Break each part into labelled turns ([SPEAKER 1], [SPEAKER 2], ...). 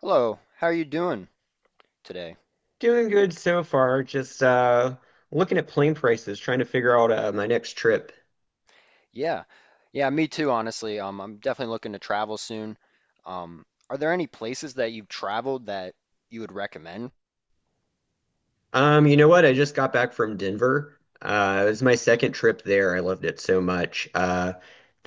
[SPEAKER 1] Hello, how are you doing today?
[SPEAKER 2] Doing good so far. Just looking at plane prices, trying to figure out my next trip.
[SPEAKER 1] Yeah, yeah, me too, honestly. I'm definitely looking to travel soon. Are there any places that you've traveled that you would recommend?
[SPEAKER 2] You know what? I just got back from Denver. It was my second trip there. I loved it so much.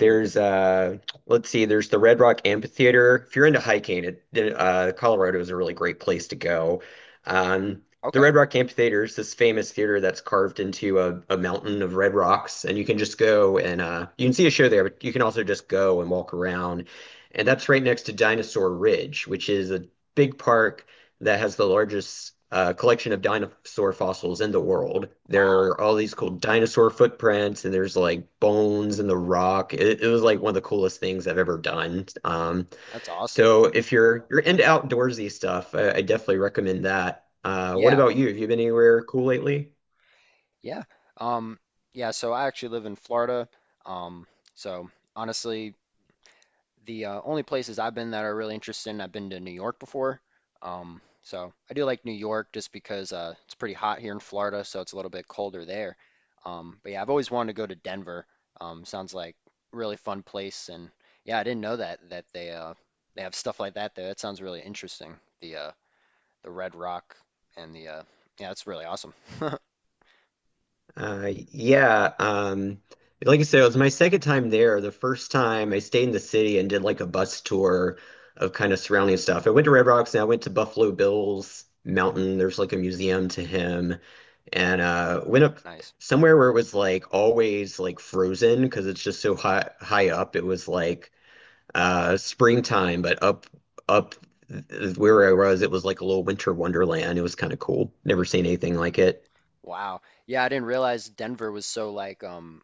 [SPEAKER 1] Mhm.
[SPEAKER 2] let's see, there's the Red Rock Amphitheater. If you're into hiking, Colorado is a really great place to go. Um, the
[SPEAKER 1] Okay,
[SPEAKER 2] Red Rock Amphitheater is this famous theater that's carved into a mountain of red rocks, and you can just go and you can see a show there, but you can also just go and walk around. And that's right next to Dinosaur Ridge, which is a big park that has the largest collection of dinosaur fossils in the world. There
[SPEAKER 1] wow,
[SPEAKER 2] are all these cool dinosaur footprints, and there's like bones in the rock. It was like one of the coolest things I've ever done. Um,
[SPEAKER 1] that's awesome.
[SPEAKER 2] so if you're into outdoorsy stuff, I definitely recommend that. What
[SPEAKER 1] Yeah,
[SPEAKER 2] about you? Have you been anywhere cool lately?
[SPEAKER 1] yeah. Um, yeah, so I actually live in Florida. Um, so honestly, the only places I've been that are really interested in, I've been to New York before. So I do like New York just because it's pretty hot here in Florida, so it's a little bit colder there. But yeah, I've always wanted to go to Denver. Sounds like a really fun place, and yeah, I didn't know that they have stuff like that there. That sounds really interesting. The uh, the Red Rock and the yeah, that's really awesome.
[SPEAKER 2] Yeah, like I said, it was my second time there. The first time I stayed in the city and did like a bus tour of kind of surrounding stuff. I went to Red Rocks and I went to Buffalo Bill's
[SPEAKER 1] Mhm.
[SPEAKER 2] Mountain. There's like a museum to him, and went up
[SPEAKER 1] Nice.
[SPEAKER 2] somewhere where it was like always like frozen because it's just so high up. It was like springtime, but up where I was, it was like a little winter wonderland. It was kind of cool. Never seen anything
[SPEAKER 1] Mhm.
[SPEAKER 2] like it.
[SPEAKER 1] Wow. Yeah, I didn't realize Denver was so like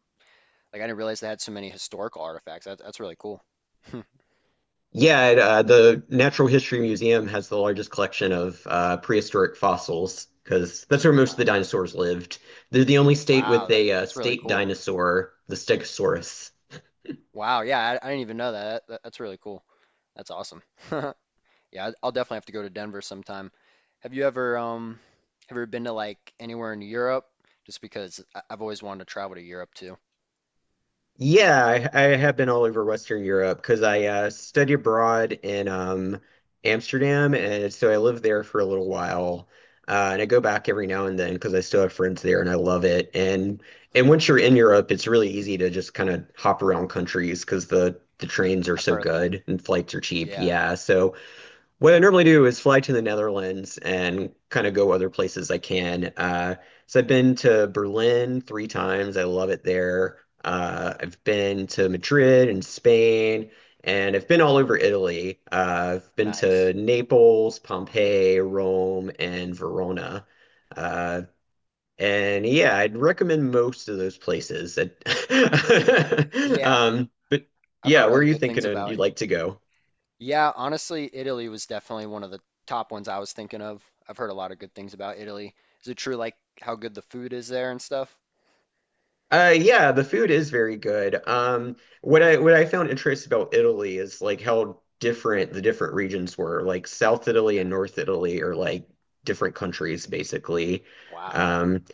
[SPEAKER 1] like I didn't realize they had so many historical artifacts. That's really cool.
[SPEAKER 2] Yeah, the Natural History Museum has the largest collection of prehistoric fossils because that's where most of the dinosaurs lived. They're the only state
[SPEAKER 1] Wow,
[SPEAKER 2] with a
[SPEAKER 1] that's really
[SPEAKER 2] state
[SPEAKER 1] cool.
[SPEAKER 2] dinosaur, the Stegosaurus.
[SPEAKER 1] Wow, yeah, I didn't even know That's really cool. That's awesome. Yeah, I'll definitely have to go to Denver sometime. Have you ever um have you ever been to like anywhere in Europe? Just because I've always wanted to travel to Europe too.
[SPEAKER 2] Yeah, I have been all over Western Europe because I studied abroad in Amsterdam, and so I lived there for a little while. And I go back every now and then because I still have friends there, and I love it. And and
[SPEAKER 1] I've
[SPEAKER 2] once you're in Europe, it's really easy to just kind of hop around countries because the trains are so
[SPEAKER 1] heard that.
[SPEAKER 2] good and flights are cheap.
[SPEAKER 1] Yeah,
[SPEAKER 2] Yeah, so what I normally do is fly to the Netherlands and kind of go other places I can. So I've been to Berlin three times. I love it there. I've been to Madrid and Spain, and I've been all over Italy. I've been
[SPEAKER 1] nice.
[SPEAKER 2] to Naples, Pompeii, Rome, and Verona. Uh, and yeah, I'd recommend most of those places.
[SPEAKER 1] Yeah, yeah.
[SPEAKER 2] But
[SPEAKER 1] I've heard
[SPEAKER 2] yeah, where
[SPEAKER 1] really
[SPEAKER 2] are you
[SPEAKER 1] good things
[SPEAKER 2] thinking
[SPEAKER 1] about
[SPEAKER 2] you'd like to go?
[SPEAKER 1] yeah, honestly, Italy was definitely one of the top ones I was thinking of. I've heard a lot of good things about Italy. Is it true, like how good the food is there and stuff?
[SPEAKER 2] Yeah, the food is very good. What I found interesting about Italy is like how different the different regions were. Like South Italy and North Italy are like different countries basically.
[SPEAKER 1] Wow.
[SPEAKER 2] Um,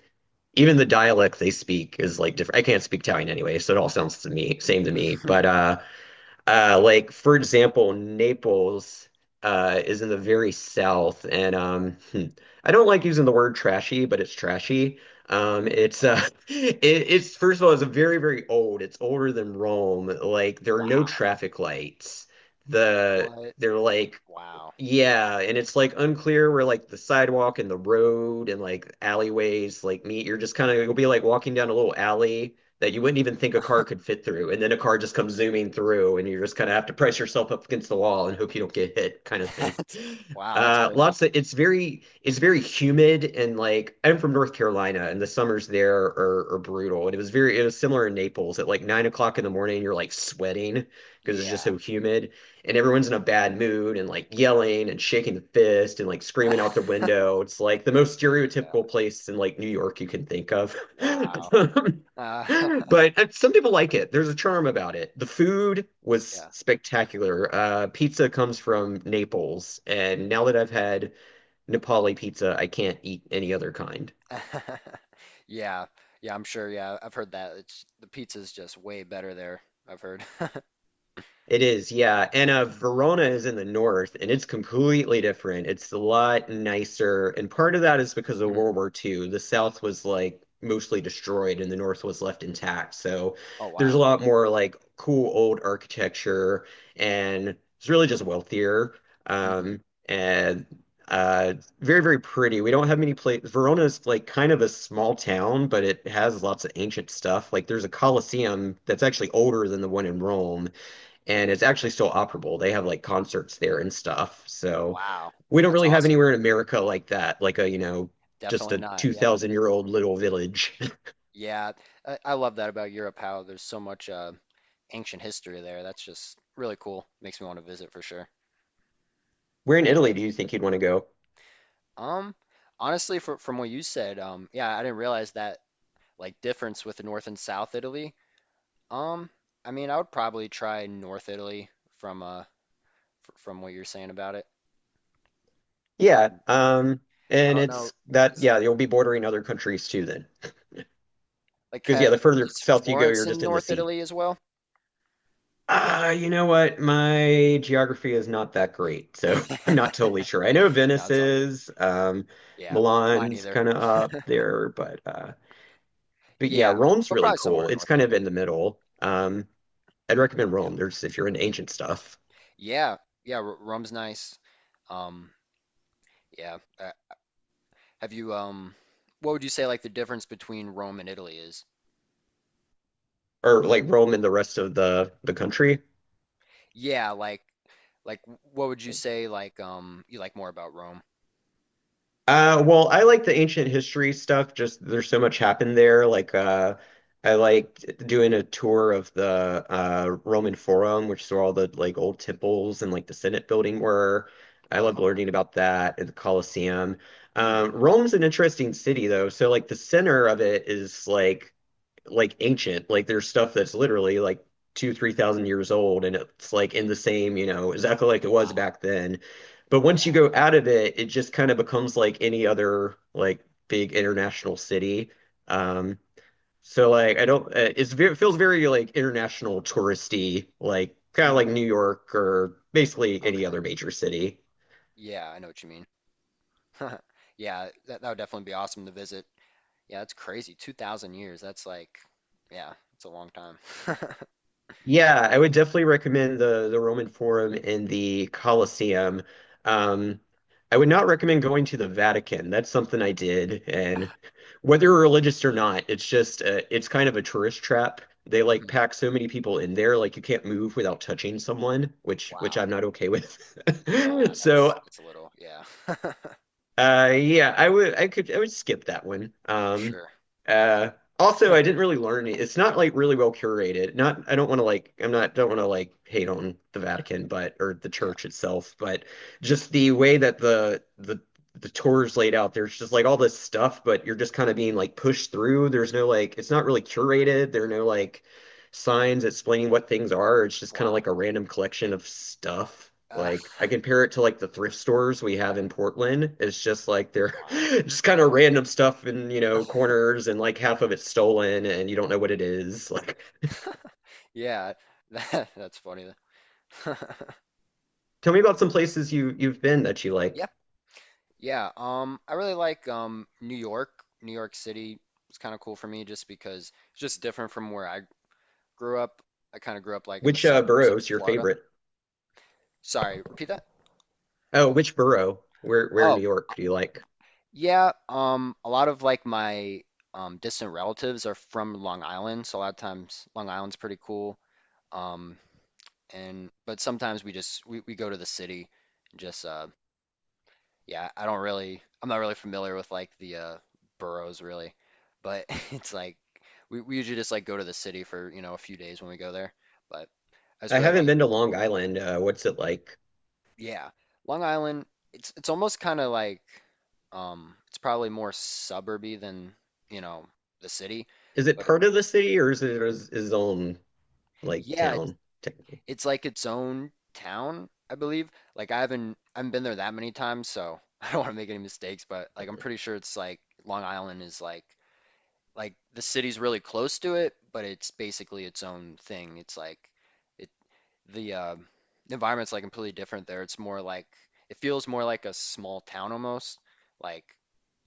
[SPEAKER 2] Even the dialect they speak is like different. I can't speak Italian anyway, so it all sounds to me same to me. But uh, uh, like for example, Naples is in the very south, and I don't like using the word trashy, but it's trashy. It's
[SPEAKER 1] Yeah.
[SPEAKER 2] it's first of all, it's very very old. It's older than Rome. Like there are no
[SPEAKER 1] Wow.
[SPEAKER 2] traffic lights. The
[SPEAKER 1] What?
[SPEAKER 2] they're like,
[SPEAKER 1] Wow.
[SPEAKER 2] yeah, and it's like unclear where like the sidewalk and the road and like alleyways like meet. You're just kind of you'll be like walking down a little alley that you wouldn't even think a car could fit through, and then a car just comes zooming through, and you just kind of have to
[SPEAKER 1] Ooh.
[SPEAKER 2] press yourself up against the wall and hope you don't get hit, kind of thing.
[SPEAKER 1] That's wow, that's crazy.
[SPEAKER 2] Lots of it's very humid and like I'm from North Carolina, and the summers there are brutal. And it was similar in Naples at like 9 o'clock in the morning, you're like sweating because it's just so
[SPEAKER 1] Yeah.
[SPEAKER 2] humid and everyone's in a bad mood and like yelling and shaking the fist and like screaming out the window. It's like the most
[SPEAKER 1] Yeah.
[SPEAKER 2] stereotypical place in like New York you can think of.
[SPEAKER 1] Wow. Uh,
[SPEAKER 2] But some people like it. There's a charm about it. The food was
[SPEAKER 1] yeah.
[SPEAKER 2] spectacular. Pizza comes from Naples, and now that I've had Nepali pizza, I can't eat any other kind.
[SPEAKER 1] Yeah. Yeah, I'm sure. Yeah, I've heard that. It's The pizza's just way better there, I've heard.
[SPEAKER 2] It is, yeah. And Verona is in the north, and it's completely different. It's a lot nicer, and part of that is because of
[SPEAKER 1] Mhm.
[SPEAKER 2] World War II. The south was like mostly destroyed, and the north was left intact. So
[SPEAKER 1] Oh,
[SPEAKER 2] there's
[SPEAKER 1] wow.
[SPEAKER 2] a lot more like cool old architecture, and it's really just wealthier.
[SPEAKER 1] Hmm.
[SPEAKER 2] Um, and uh, Very, very pretty. We don't have many places. Verona's like kind of a small town, but it has lots of ancient stuff. Like there's a Colosseum that's actually older than the one in Rome and it's actually still operable. They have like concerts there and stuff. So
[SPEAKER 1] Wow.
[SPEAKER 2] we don't
[SPEAKER 1] That's
[SPEAKER 2] really have
[SPEAKER 1] awesome.
[SPEAKER 2] anywhere in America like that, like a, you know, just
[SPEAKER 1] Definitely
[SPEAKER 2] a
[SPEAKER 1] not. Yeah.
[SPEAKER 2] 2000-year-old little village.
[SPEAKER 1] Yeah, I love that about Europe, how there's so much ancient history there. That's just really cool. Makes me want to visit for sure.
[SPEAKER 2] Where in Italy do you think you'd want to go?
[SPEAKER 1] Um, Honestly, from what you said, yeah, I didn't realize that like difference with the North and South Italy. Um, I mean, I would probably try North Italy from from what you're saying about it.
[SPEAKER 2] Yeah,
[SPEAKER 1] Um, I
[SPEAKER 2] and
[SPEAKER 1] don't
[SPEAKER 2] it's
[SPEAKER 1] know,
[SPEAKER 2] that,
[SPEAKER 1] is
[SPEAKER 2] yeah, you'll be bordering other countries too then.
[SPEAKER 1] like
[SPEAKER 2] Because
[SPEAKER 1] ha,
[SPEAKER 2] yeah, the further
[SPEAKER 1] is
[SPEAKER 2] south you go,
[SPEAKER 1] Florence
[SPEAKER 2] you're
[SPEAKER 1] in
[SPEAKER 2] just in the
[SPEAKER 1] North
[SPEAKER 2] sea.
[SPEAKER 1] Italy as well?
[SPEAKER 2] Ah, you know what? My geography is not that great, so I'm not totally sure. I know
[SPEAKER 1] No,
[SPEAKER 2] Venice
[SPEAKER 1] it's all good.
[SPEAKER 2] is.
[SPEAKER 1] Yeah, mine
[SPEAKER 2] Milan's
[SPEAKER 1] either.
[SPEAKER 2] kind of up there, but but
[SPEAKER 1] Yeah,
[SPEAKER 2] yeah, Rome's
[SPEAKER 1] but
[SPEAKER 2] really
[SPEAKER 1] probably somewhere
[SPEAKER 2] cool.
[SPEAKER 1] in
[SPEAKER 2] It's
[SPEAKER 1] North
[SPEAKER 2] kind of
[SPEAKER 1] Italy.
[SPEAKER 2] in the middle. I'd recommend Rome. There's, if you're into ancient stuff,
[SPEAKER 1] Yeah, yeah, r rum's nice. Um, yeah. Have you what would you say like the difference between Rome and Italy is?
[SPEAKER 2] or like Rome and the rest of the country.
[SPEAKER 1] Yeah, like what would you say like you like more about Rome?
[SPEAKER 2] Well, I like the ancient history stuff. Just there's so much happened there. Like I liked doing a tour of the Roman Forum, which is where all the like old temples and like the Senate building were. I loved
[SPEAKER 1] Oh, wow.
[SPEAKER 2] learning about that and the Colosseum.
[SPEAKER 1] Mhm.
[SPEAKER 2] Rome's an interesting city though. So like the center of it is like ancient. Like there's stuff that's literally like two, 3000 years old, and it's like in the same, you know, exactly like it was
[SPEAKER 1] Wow.
[SPEAKER 2] back then. But once you
[SPEAKER 1] Yeah.
[SPEAKER 2] go out of it, it just kind of becomes like any other like big international city. Um, so like I don't, it's very, it feels very like international touristy, like kind of
[SPEAKER 1] Mhm.
[SPEAKER 2] like New York or basically any
[SPEAKER 1] Okay.
[SPEAKER 2] other major city.
[SPEAKER 1] Yeah, I know what you mean. Yeah, that that would definitely be awesome to visit. Yeah, that's crazy. 2000 years. That's like yeah, it's a long time.
[SPEAKER 2] Yeah, I would definitely recommend the Roman Forum and the Colosseum. Um, I would not recommend going to the Vatican. That's something I did, and whether you're religious or not, it's just it's kind of a tourist trap. They like
[SPEAKER 1] Mhm.
[SPEAKER 2] pack so many people in there, like you can't move without touching someone, which
[SPEAKER 1] Wow.
[SPEAKER 2] I'm not okay with.
[SPEAKER 1] Yeah,
[SPEAKER 2] So
[SPEAKER 1] that's a little. Yeah.
[SPEAKER 2] uh, yeah, I would, I would skip that one.
[SPEAKER 1] For sure.
[SPEAKER 2] Uh, Also, I didn't really learn it. It's not like really well curated. Not, I don't want to like, I'm not, don't want to like hate on the Vatican, but or the
[SPEAKER 1] Yeah.
[SPEAKER 2] church itself, but just the way that the tour is laid out. There's just like all this stuff, but you're just kind of being like pushed through. There's no like, it's not really curated. There are no like signs explaining what things are. It's just kind of
[SPEAKER 1] Wow.
[SPEAKER 2] like a random collection of stuff.
[SPEAKER 1] Uh,
[SPEAKER 2] Like I compare it to like the thrift stores we have in Portland. It's just like they're
[SPEAKER 1] wow.
[SPEAKER 2] just kind of random stuff in, you know, corners and like half of it's stolen and you don't know what it is. Like
[SPEAKER 1] Yeah, that's funny.
[SPEAKER 2] tell me about some places you've been that you like.
[SPEAKER 1] Yep. Yeah. I really like New York. New York City was kind of cool for me just because it's just different from where I grew up. I kind of grew up like in the
[SPEAKER 2] Which
[SPEAKER 1] suburbs
[SPEAKER 2] borough
[SPEAKER 1] in
[SPEAKER 2] is your
[SPEAKER 1] Florida.
[SPEAKER 2] favorite?
[SPEAKER 1] Sorry, repeat that.
[SPEAKER 2] Oh, which borough? Where in New
[SPEAKER 1] Oh,
[SPEAKER 2] York do you like?
[SPEAKER 1] yeah. A lot of like my distant relatives are from Long Island, so a lot of times Long Island's pretty cool. Um, and but sometimes we just we go to the city and just yeah, I don't really, I'm not really familiar with like the boroughs really, but it's like we usually just like go to the city for, you know, a few days when we go there. But I just
[SPEAKER 2] I
[SPEAKER 1] really
[SPEAKER 2] haven't
[SPEAKER 1] like,
[SPEAKER 2] been to Long Island. What's it like?
[SPEAKER 1] yeah, Long Island, it's almost kind of like it's probably more suburby than, you know, the city,
[SPEAKER 2] Is it
[SPEAKER 1] but
[SPEAKER 2] part of the city or is it is its own like
[SPEAKER 1] yeah,
[SPEAKER 2] town technically?
[SPEAKER 1] it's like its own town, I believe. Like I haven't been there that many times, so I don't want to make any mistakes, but like I'm pretty sure it's like Long Island is like the city's really close to it, but it's basically its own thing. It's like it the environment's like completely different there. It's more like it feels more like a small town almost, like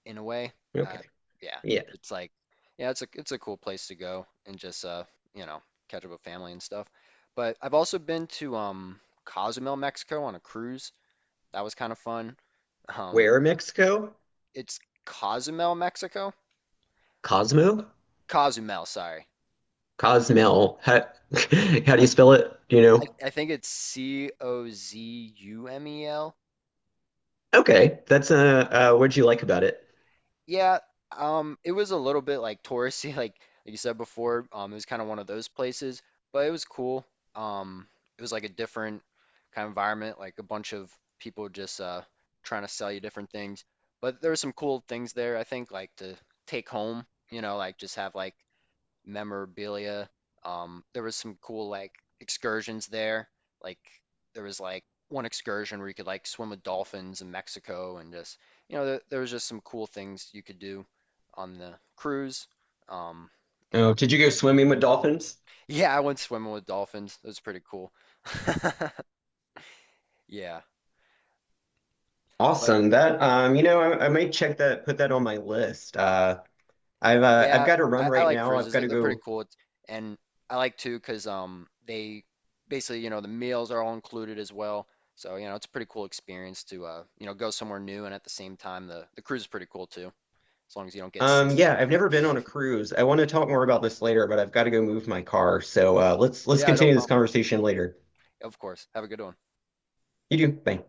[SPEAKER 1] in a way. Uh,
[SPEAKER 2] Okay.
[SPEAKER 1] yeah,
[SPEAKER 2] Yeah.
[SPEAKER 1] it's like yeah, it's a cool place to go and just you know, catch up with family and stuff. But I've also been to Cozumel, Mexico on a cruise. That was kind of fun. Um,
[SPEAKER 2] Where in Mexico?
[SPEAKER 1] it's Cozumel, Mexico.
[SPEAKER 2] Cosmo?
[SPEAKER 1] Cozumel, sorry.
[SPEAKER 2] Cosmel. How, how do you spell it? Do you know?
[SPEAKER 1] I think it's Cozumel.
[SPEAKER 2] Okay, that's what'd you like about it?
[SPEAKER 1] Yeah, it was a little bit like touristy, like you said before. It was kind of one of those places, but it was cool. Um, it was like a different kind of environment, like a bunch of people just trying to sell you different things. But there were some cool things there, I think, like to take home, you know, like just have like memorabilia. There was some cool like excursions there. Like there was like one excursion where you could like swim with dolphins in Mexico and just you know there was just some cool things you could do on the cruise. Um, you know,
[SPEAKER 2] Oh, did you go
[SPEAKER 1] there's
[SPEAKER 2] swimming with dolphins?
[SPEAKER 1] yeah, I went swimming with dolphins. It was pretty cool. Yeah, but
[SPEAKER 2] Awesome. That I might check that, put that on my list. I've
[SPEAKER 1] yeah,
[SPEAKER 2] got to run
[SPEAKER 1] I
[SPEAKER 2] right
[SPEAKER 1] like
[SPEAKER 2] now. I've
[SPEAKER 1] cruises.
[SPEAKER 2] got to
[SPEAKER 1] They're pretty
[SPEAKER 2] go.
[SPEAKER 1] cool. It's, and I like too because they basically, you know, the meals are all included as well. So, you know, it's a pretty cool experience to you know, go somewhere new and at the same time the cruise is pretty cool too, as long as you don't get seasick.
[SPEAKER 2] Yeah, I've never been on a cruise. I want to talk more about this later, but I've got to go move my car. So let's
[SPEAKER 1] Yeah, no
[SPEAKER 2] continue this
[SPEAKER 1] problem.
[SPEAKER 2] conversation later.
[SPEAKER 1] Of course. Have a good one.
[SPEAKER 2] You do. Bye.